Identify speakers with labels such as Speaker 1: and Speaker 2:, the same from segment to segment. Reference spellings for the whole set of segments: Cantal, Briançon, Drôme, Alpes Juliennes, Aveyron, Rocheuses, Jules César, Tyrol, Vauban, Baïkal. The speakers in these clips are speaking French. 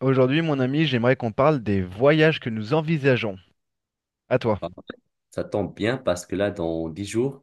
Speaker 1: Aujourd'hui, mon ami, j'aimerais qu'on parle des voyages que nous envisageons. À toi.
Speaker 2: Ah, ça tombe bien parce que là, dans 10 jours,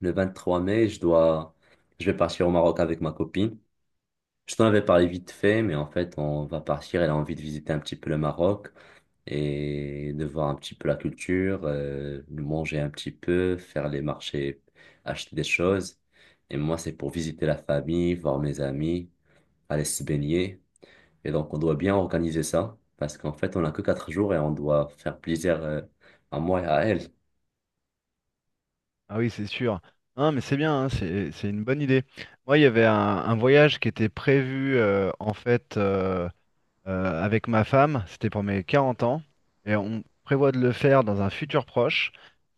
Speaker 2: le 23 mai, je vais partir au Maroc avec ma copine. Je t'en avais parlé vite fait, mais en fait, on va partir. Elle a envie de visiter un petit peu le Maroc et de voir un petit peu la culture, de manger un petit peu, faire les marchés, acheter des choses. Et moi, c'est pour visiter la famille, voir mes amis, aller se baigner. Et donc, on doit bien organiser ça parce qu'en fait, on n'a que 4 jours et on doit faire plaisir, à moi et à elle.
Speaker 1: Ah oui, c'est sûr. Non, mais c'est bien, hein, c'est une bonne idée. Moi, il y avait un voyage qui était prévu en fait avec ma femme. C'était pour mes 40 ans et on prévoit de le faire dans un futur proche.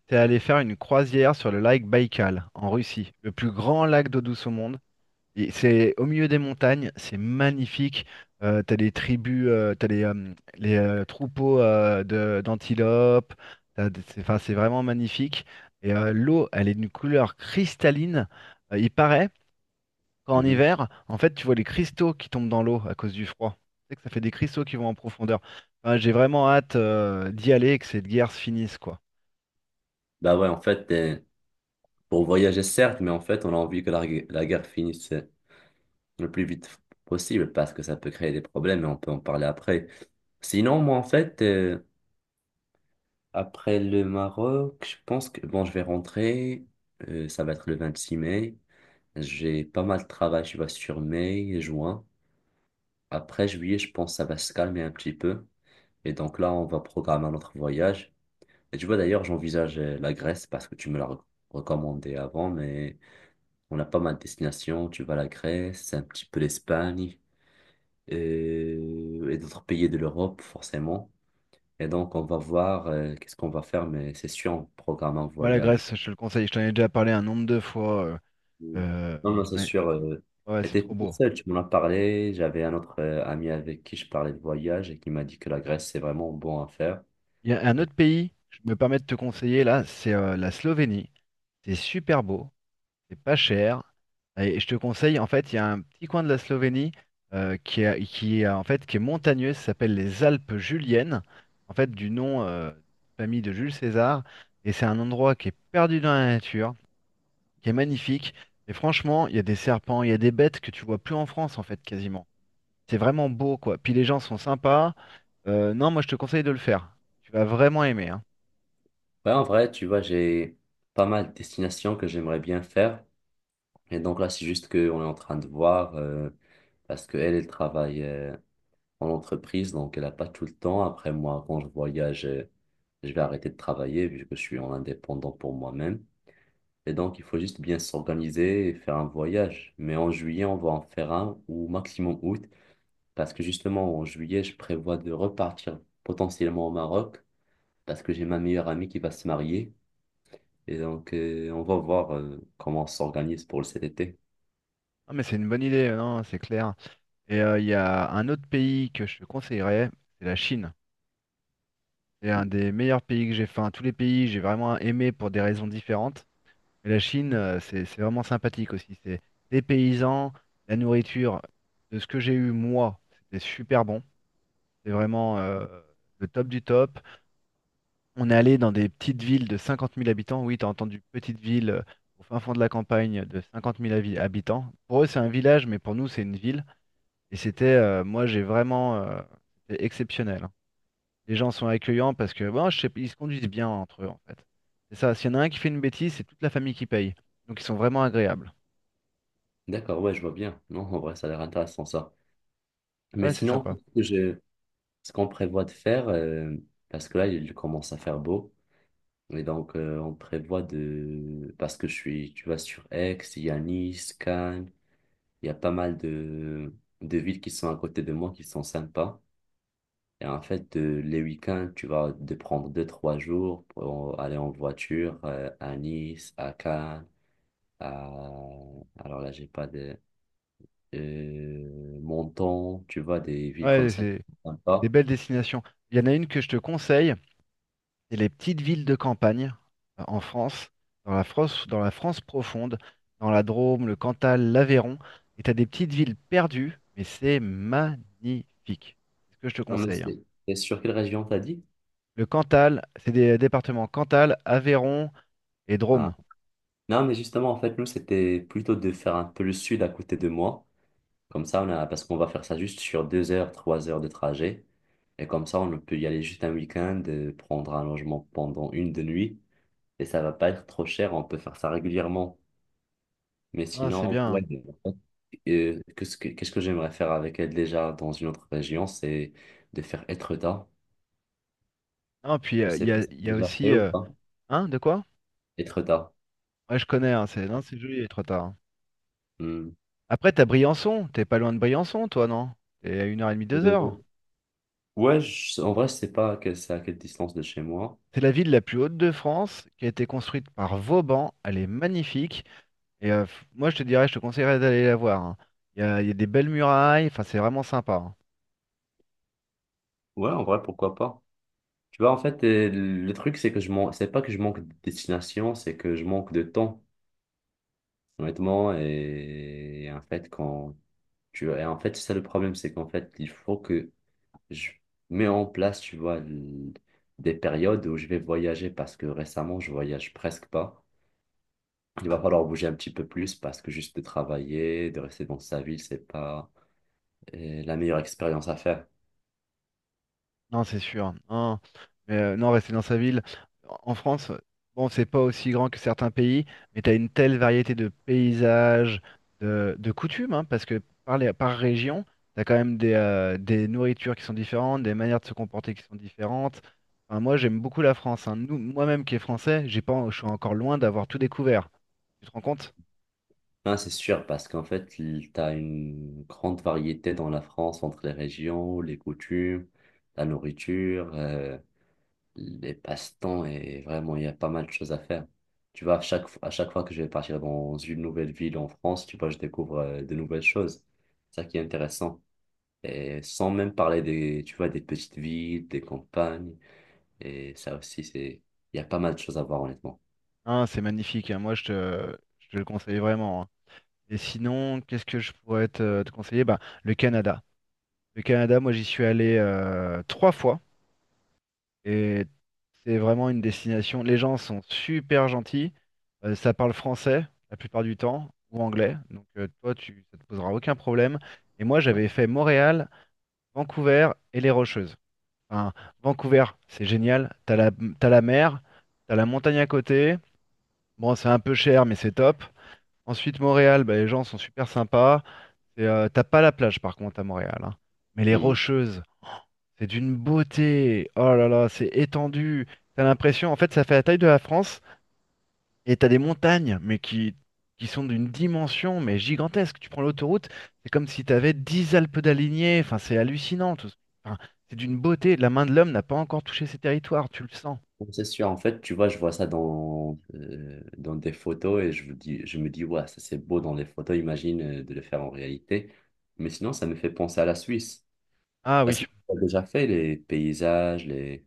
Speaker 1: C'est aller faire une croisière sur le lac Baïkal en Russie, le plus grand lac d'eau douce au monde. Et c'est au milieu des montagnes, c'est magnifique. T'as les tribus, t'as les troupeaux d'antilopes. C'est, enfin, c'est vraiment magnifique. Et l'eau, elle est d'une couleur cristalline. Il paraît qu'en
Speaker 2: Mhm.
Speaker 1: hiver, en fait, tu vois les cristaux qui tombent dans l'eau à cause du froid. Tu sais que ça fait des cristaux qui vont en profondeur. Enfin, j'ai vraiment hâte d'y aller et que cette guerre se finisse, quoi.
Speaker 2: Bah ouais, en fait, pour voyager, certes, mais en fait, on a envie que la guerre finisse le plus vite possible parce que ça peut créer des problèmes et on peut en parler après. Sinon, moi, en fait, après le Maroc, je pense que, bon, je vais rentrer, ça va être le 26 mai. J'ai pas mal de travail, je vois, sur mai et juin. Après juillet, je pense que ça va se calmer un petit peu. Et donc là, on va programmer notre voyage. Et tu vois, d'ailleurs, j'envisage la Grèce parce que tu me l'as recommandé avant, mais... On a pas mal de destinations. Tu vas à la Grèce, un petit peu l'Espagne et d'autres pays de l'Europe, forcément. Et donc, on va voir qu'est-ce qu'on va faire, mais c'est sûr, on programme un
Speaker 1: Moi, la
Speaker 2: voyage.
Speaker 1: Grèce, je te le conseille. Je t'en ai déjà parlé un nombre de fois.
Speaker 2: Mm.
Speaker 1: Euh,
Speaker 2: Non, non,
Speaker 1: je
Speaker 2: c'est
Speaker 1: t'en ai-
Speaker 2: sûr.
Speaker 1: Ouais, c'est
Speaker 2: J'étais
Speaker 1: trop
Speaker 2: tout
Speaker 1: beau.
Speaker 2: seul, tu m'en as parlé. J'avais un autre ami avec qui je parlais de voyage et qui m'a dit que la Grèce, c'est vraiment bon à faire.
Speaker 1: Il y a un
Speaker 2: Et-
Speaker 1: autre pays, je me permets de te conseiller là, c'est la Slovénie. C'est super beau, c'est pas cher. Et je te conseille, en fait, il y a un petit coin de la Slovénie qui est, qui est montagneux, ça s'appelle les Alpes Juliennes, en fait, du nom de famille de Jules César. Et c'est un endroit qui est perdu dans la nature, qui est magnifique. Et franchement, il y a des serpents, il y a des bêtes que tu vois plus en France, en fait, quasiment. C'est vraiment beau, quoi. Puis les gens sont sympas. Non, moi, je te conseille de le faire. Tu vas vraiment aimer, hein.
Speaker 2: ouais, en vrai, tu vois, j'ai pas mal de destinations que j'aimerais bien faire. Et donc là, c'est juste qu'on est en train de voir parce qu'elle, elle travaille en entreprise, donc elle n'a pas tout le temps. Après moi, quand je voyage, je vais arrêter de travailler vu que je suis en indépendant pour moi-même. Et donc, il faut juste bien s'organiser et faire un voyage. Mais en juillet, on va en faire un ou maximum août, parce que justement, en juillet, je prévois de repartir potentiellement au Maroc, parce que j'ai ma meilleure amie qui va se marier. Et donc, on va voir comment on s'organise pour cet été.
Speaker 1: Ah, mais c'est une bonne idée, non, c'est clair. Et il y a un autre pays que je te conseillerais, c'est la Chine. C'est un des meilleurs pays que j'ai fait. Enfin, tous les pays, j'ai vraiment aimé pour des raisons différentes. Mais la Chine, c'est vraiment sympathique aussi. C'est des paysans, la nourriture, de ce que j'ai eu moi, c'était super bon. C'est vraiment le top du top. On est allé dans des petites villes de 50 000 habitants. Oui, t'as entendu petite ville au fin fond de la campagne de 50 000 habitants. Pour eux, c'est un village, mais pour nous, c'est une ville. Et c'était, c'était exceptionnel, hein. Les gens sont accueillants parce que, bon, je sais, ils se conduisent bien entre eux, en fait. C'est ça. S'il y en a un qui fait une bêtise, c'est toute la famille qui paye. Donc, ils sont vraiment agréables.
Speaker 2: D'accord, ouais, je vois bien. Non, en vrai, ça a l'air intéressant ça. Mais
Speaker 1: Ouais, c'est
Speaker 2: sinon,
Speaker 1: sympa.
Speaker 2: je, ce qu'on prévoit de faire, parce que là, il commence à faire beau. Et donc, on prévoit de... Parce que je suis, tu vois, sur Aix, il y a Nice, Cannes, il y a pas mal de villes qui sont à côté de moi, qui sont sympas. Et en fait, les week-ends, tu vas de prendre deux, trois jours pour aller en voiture à Nice, à Cannes, à... Alors là, j'ai pas de... Menton, tu vois, des villes comme
Speaker 1: Ouais,
Speaker 2: ça qui
Speaker 1: c'est
Speaker 2: sont
Speaker 1: c'est des
Speaker 2: sympas.
Speaker 1: belles destinations. Il y en a une que je te conseille, c'est les petites villes de campagne en France, dans la France profonde, dans la Drôme, le Cantal, l'Aveyron. Et tu as des petites villes perdues, mais c'est magnifique. C'est ce que je te
Speaker 2: Non, mais
Speaker 1: conseille, hein.
Speaker 2: c'est sur quelle région t'as dit?
Speaker 1: Le Cantal, c'est des départements Cantal, Aveyron et Drôme.
Speaker 2: Hein? Non, mais justement, en fait, nous, c'était plutôt de faire un peu le sud à côté de moi. Comme ça, on a, parce qu'on va faire ça juste sur deux heures, trois heures de trajet. Et comme ça, on peut y aller juste un week-end, prendre un logement pendant une de nuit. Et ça va pas être trop cher, on peut faire ça régulièrement. Mais
Speaker 1: Hein, c'est
Speaker 2: sinon,
Speaker 1: bien,
Speaker 2: ouais,
Speaker 1: hein.
Speaker 2: en fait, qu'est-ce que j'aimerais faire avec elle déjà dans une autre région, c'est de faire Etretat.
Speaker 1: Non, puis
Speaker 2: Je sais pas si
Speaker 1: il y
Speaker 2: c'est
Speaker 1: a
Speaker 2: déjà fait
Speaker 1: aussi.
Speaker 2: ou pas.
Speaker 1: Hein, de quoi?
Speaker 2: Etretat.
Speaker 1: Ouais, je connais, hein, c'est non, c'est joli, les tard, hein.
Speaker 2: Hmm.
Speaker 1: Après, t'as Briançon, t'es pas loin de Briançon, toi, non? T'es à une heure et demie, deux heures.
Speaker 2: Euh, ouais, en vrai, je sais pas que c'est à quelle distance de chez moi.
Speaker 1: C'est la ville la plus haute de France, qui a été construite par Vauban. Elle est magnifique. Et moi, je te conseillerais d'aller la voir, hein. Il y a des belles murailles, enfin, c'est vraiment sympa, hein.
Speaker 2: Ouais, en vrai, pourquoi pas. Tu vois, en fait, le truc, c'est que je manque, c'est pas que je manque de destination, c'est que je manque de temps, honnêtement. Et en fait, quand tu et en fait, c'est ça le problème, c'est qu'en fait, il faut que je mets en place, tu vois, des périodes où je vais voyager parce que récemment, je voyage presque pas. Il va falloir bouger un petit peu plus parce que juste de travailler, de rester dans sa ville, c'est pas la meilleure expérience à faire.
Speaker 1: Non, c'est sûr. Non, mais non, rester dans sa ville. En France, bon, c'est pas aussi grand que certains pays, mais tu as une telle variété de paysages, de coutumes, hein, parce que par région, tu as quand même des nourritures qui sont différentes, des manières de se comporter qui sont différentes. Enfin, moi, j'aime beaucoup la France, hein. Nous, moi-même qui est français, j'ai pas, je suis encore loin d'avoir tout découvert. Tu te rends compte?
Speaker 2: Ah, c'est sûr, parce qu'en fait, tu as une grande variété dans la France entre les régions, les coutumes, la nourriture, les passe-temps, et vraiment, il y a pas mal de choses à faire. Tu vois, à chaque fois que je vais partir dans une nouvelle ville en France, tu vois, je découvre de nouvelles choses. C'est ça qui est intéressant. Et sans même parler des, tu vois, des petites villes, des campagnes, et ça aussi, c'est, il y a pas mal de choses à voir, honnêtement.
Speaker 1: Hein, c'est magnifique, hein. Moi, je te le conseille vraiment, hein. Et sinon, qu'est-ce que je pourrais te conseiller? Bah, le Canada. Le Canada, moi j'y suis allé trois fois et c'est vraiment une destination. Les gens sont super gentils, ça parle français la plupart du temps ou anglais, donc ça te posera aucun problème. Et moi
Speaker 2: Ouais.
Speaker 1: j'avais fait Montréal, Vancouver et les Rocheuses. Enfin, Vancouver, c'est génial, t'as la mer, t'as la montagne à côté. Bon, c'est un peu cher mais c'est top. Ensuite Montréal, bah, les gens sont super sympas. Et, t'as pas la plage par contre à Montréal, hein. Mais les
Speaker 2: Hmm.
Speaker 1: Rocheuses. C'est d'une beauté. Oh là là, c'est étendu. T'as l'impression, en fait, ça fait la taille de la France et t'as des montagnes, qui sont d'une dimension mais gigantesque. Tu prends l'autoroute, c'est comme si t'avais 10 Alpes d'alignées. Enfin, c'est hallucinant. enfin, c'est d'une beauté. La main de l'homme n'a pas encore touché ces territoires, tu le sens.
Speaker 2: Bon, c'est sûr, en fait, tu vois, je vois ça dans, dans des photos et je vous dis, je me dis, ouais, ça c'est beau dans les photos, imagine de le faire en réalité. Mais sinon, ça me fait penser à la Suisse.
Speaker 1: Ah
Speaker 2: La
Speaker 1: oui.
Speaker 2: Suisse, on a déjà fait les paysages, les...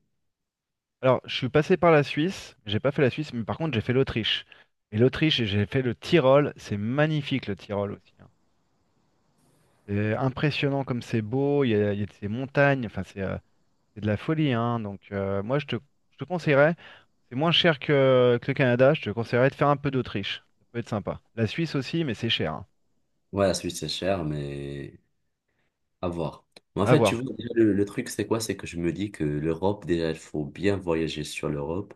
Speaker 1: Alors, je suis passé par la Suisse. J'ai pas fait la Suisse, mais par contre, j'ai fait l'Autriche. Et l'Autriche, j'ai fait le Tyrol. C'est magnifique, le Tyrol aussi, hein. C'est impressionnant comme c'est beau. Il y a de ces montagnes. Enfin, c'est de la folie, hein. Donc moi, je te conseillerais, c'est moins cher que le Canada, je te conseillerais de faire un peu d'Autriche. Ça peut être sympa. La Suisse aussi, mais c'est cher, hein.
Speaker 2: Ouais, la Suisse, c'est cher, mais à voir. Mais en
Speaker 1: À
Speaker 2: fait, tu
Speaker 1: voir.
Speaker 2: vois, déjà, le truc, c'est quoi? C'est que je me dis que l'Europe, déjà, il faut bien voyager sur l'Europe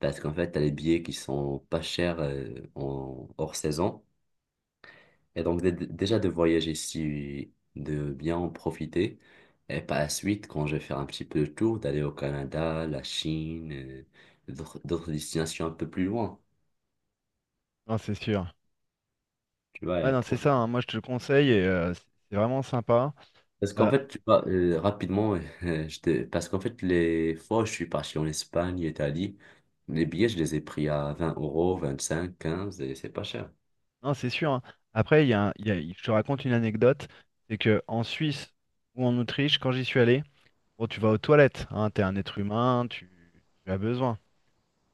Speaker 2: parce qu'en fait, t'as les billets qui sont pas chers, en, hors saison. Et donc, déjà de voyager si de bien en profiter. Et par la suite, quand je vais faire un petit peu le tour, d'aller au Canada, la Chine, d'autres destinations un peu plus loin.
Speaker 1: Non, c'est sûr.
Speaker 2: Tu vois, et
Speaker 1: Ouais, non, c'est
Speaker 2: profiter.
Speaker 1: ça, hein. Moi, je te le conseille et c'est vraiment sympa.
Speaker 2: Parce qu'en
Speaker 1: Euh,
Speaker 2: fait, tu vois, rapidement, parce qu'en fait, les fois où je suis parti en Espagne, Italie, les billets, je les ai pris à 20 euros, 25, 15, et c'est pas cher.
Speaker 1: non, c'est sûr, hein. Après, je te raconte une anecdote, c'est que en Suisse ou en Autriche, quand j'y suis allé, bon, tu vas aux toilettes, hein. T'es un être humain, tu as besoin.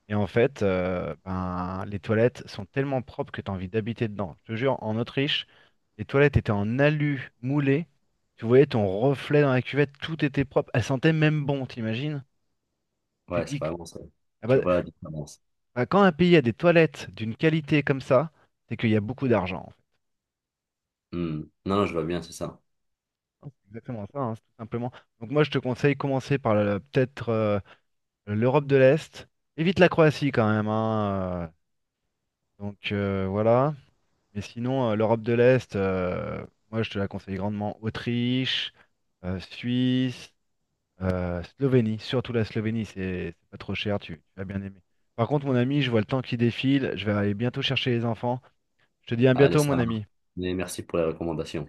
Speaker 1: Et en fait, ben, les toilettes sont tellement propres que tu as envie d'habiter dedans. Je te jure, en Autriche, les toilettes étaient en alu moulé. Tu voyais ton reflet dans la cuvette, tout était propre. Elle sentait même bon, t'imagines? Tu
Speaker 2: Ouais,
Speaker 1: te
Speaker 2: c'est
Speaker 1: dis que
Speaker 2: vraiment ça.
Speaker 1: ah bah,
Speaker 2: Tu vois la différence.
Speaker 1: quand un pays a des toilettes d'une qualité comme ça, c'est qu'il y a beaucoup d'argent, en fait.
Speaker 2: Hmm. Non, non, je vois bien, c'est ça.
Speaker 1: C'est exactement ça, hein, c'est tout simplement. Donc moi, je te conseille commencer par peut-être l'Europe de l'Est. Évite la Croatie quand même, hein, donc voilà. Mais sinon, l'Europe de l'Est, moi, je te la conseille grandement. Autriche, Suisse. Slovénie, surtout la Slovénie, c'est pas trop cher, tu vas bien aimer. Par contre, mon ami, je vois le temps qui défile, je vais aller bientôt chercher les enfants. Je te dis à
Speaker 2: Allez,
Speaker 1: bientôt,
Speaker 2: ça
Speaker 1: mon
Speaker 2: marche.
Speaker 1: ami.
Speaker 2: Mais merci pour les recommandations.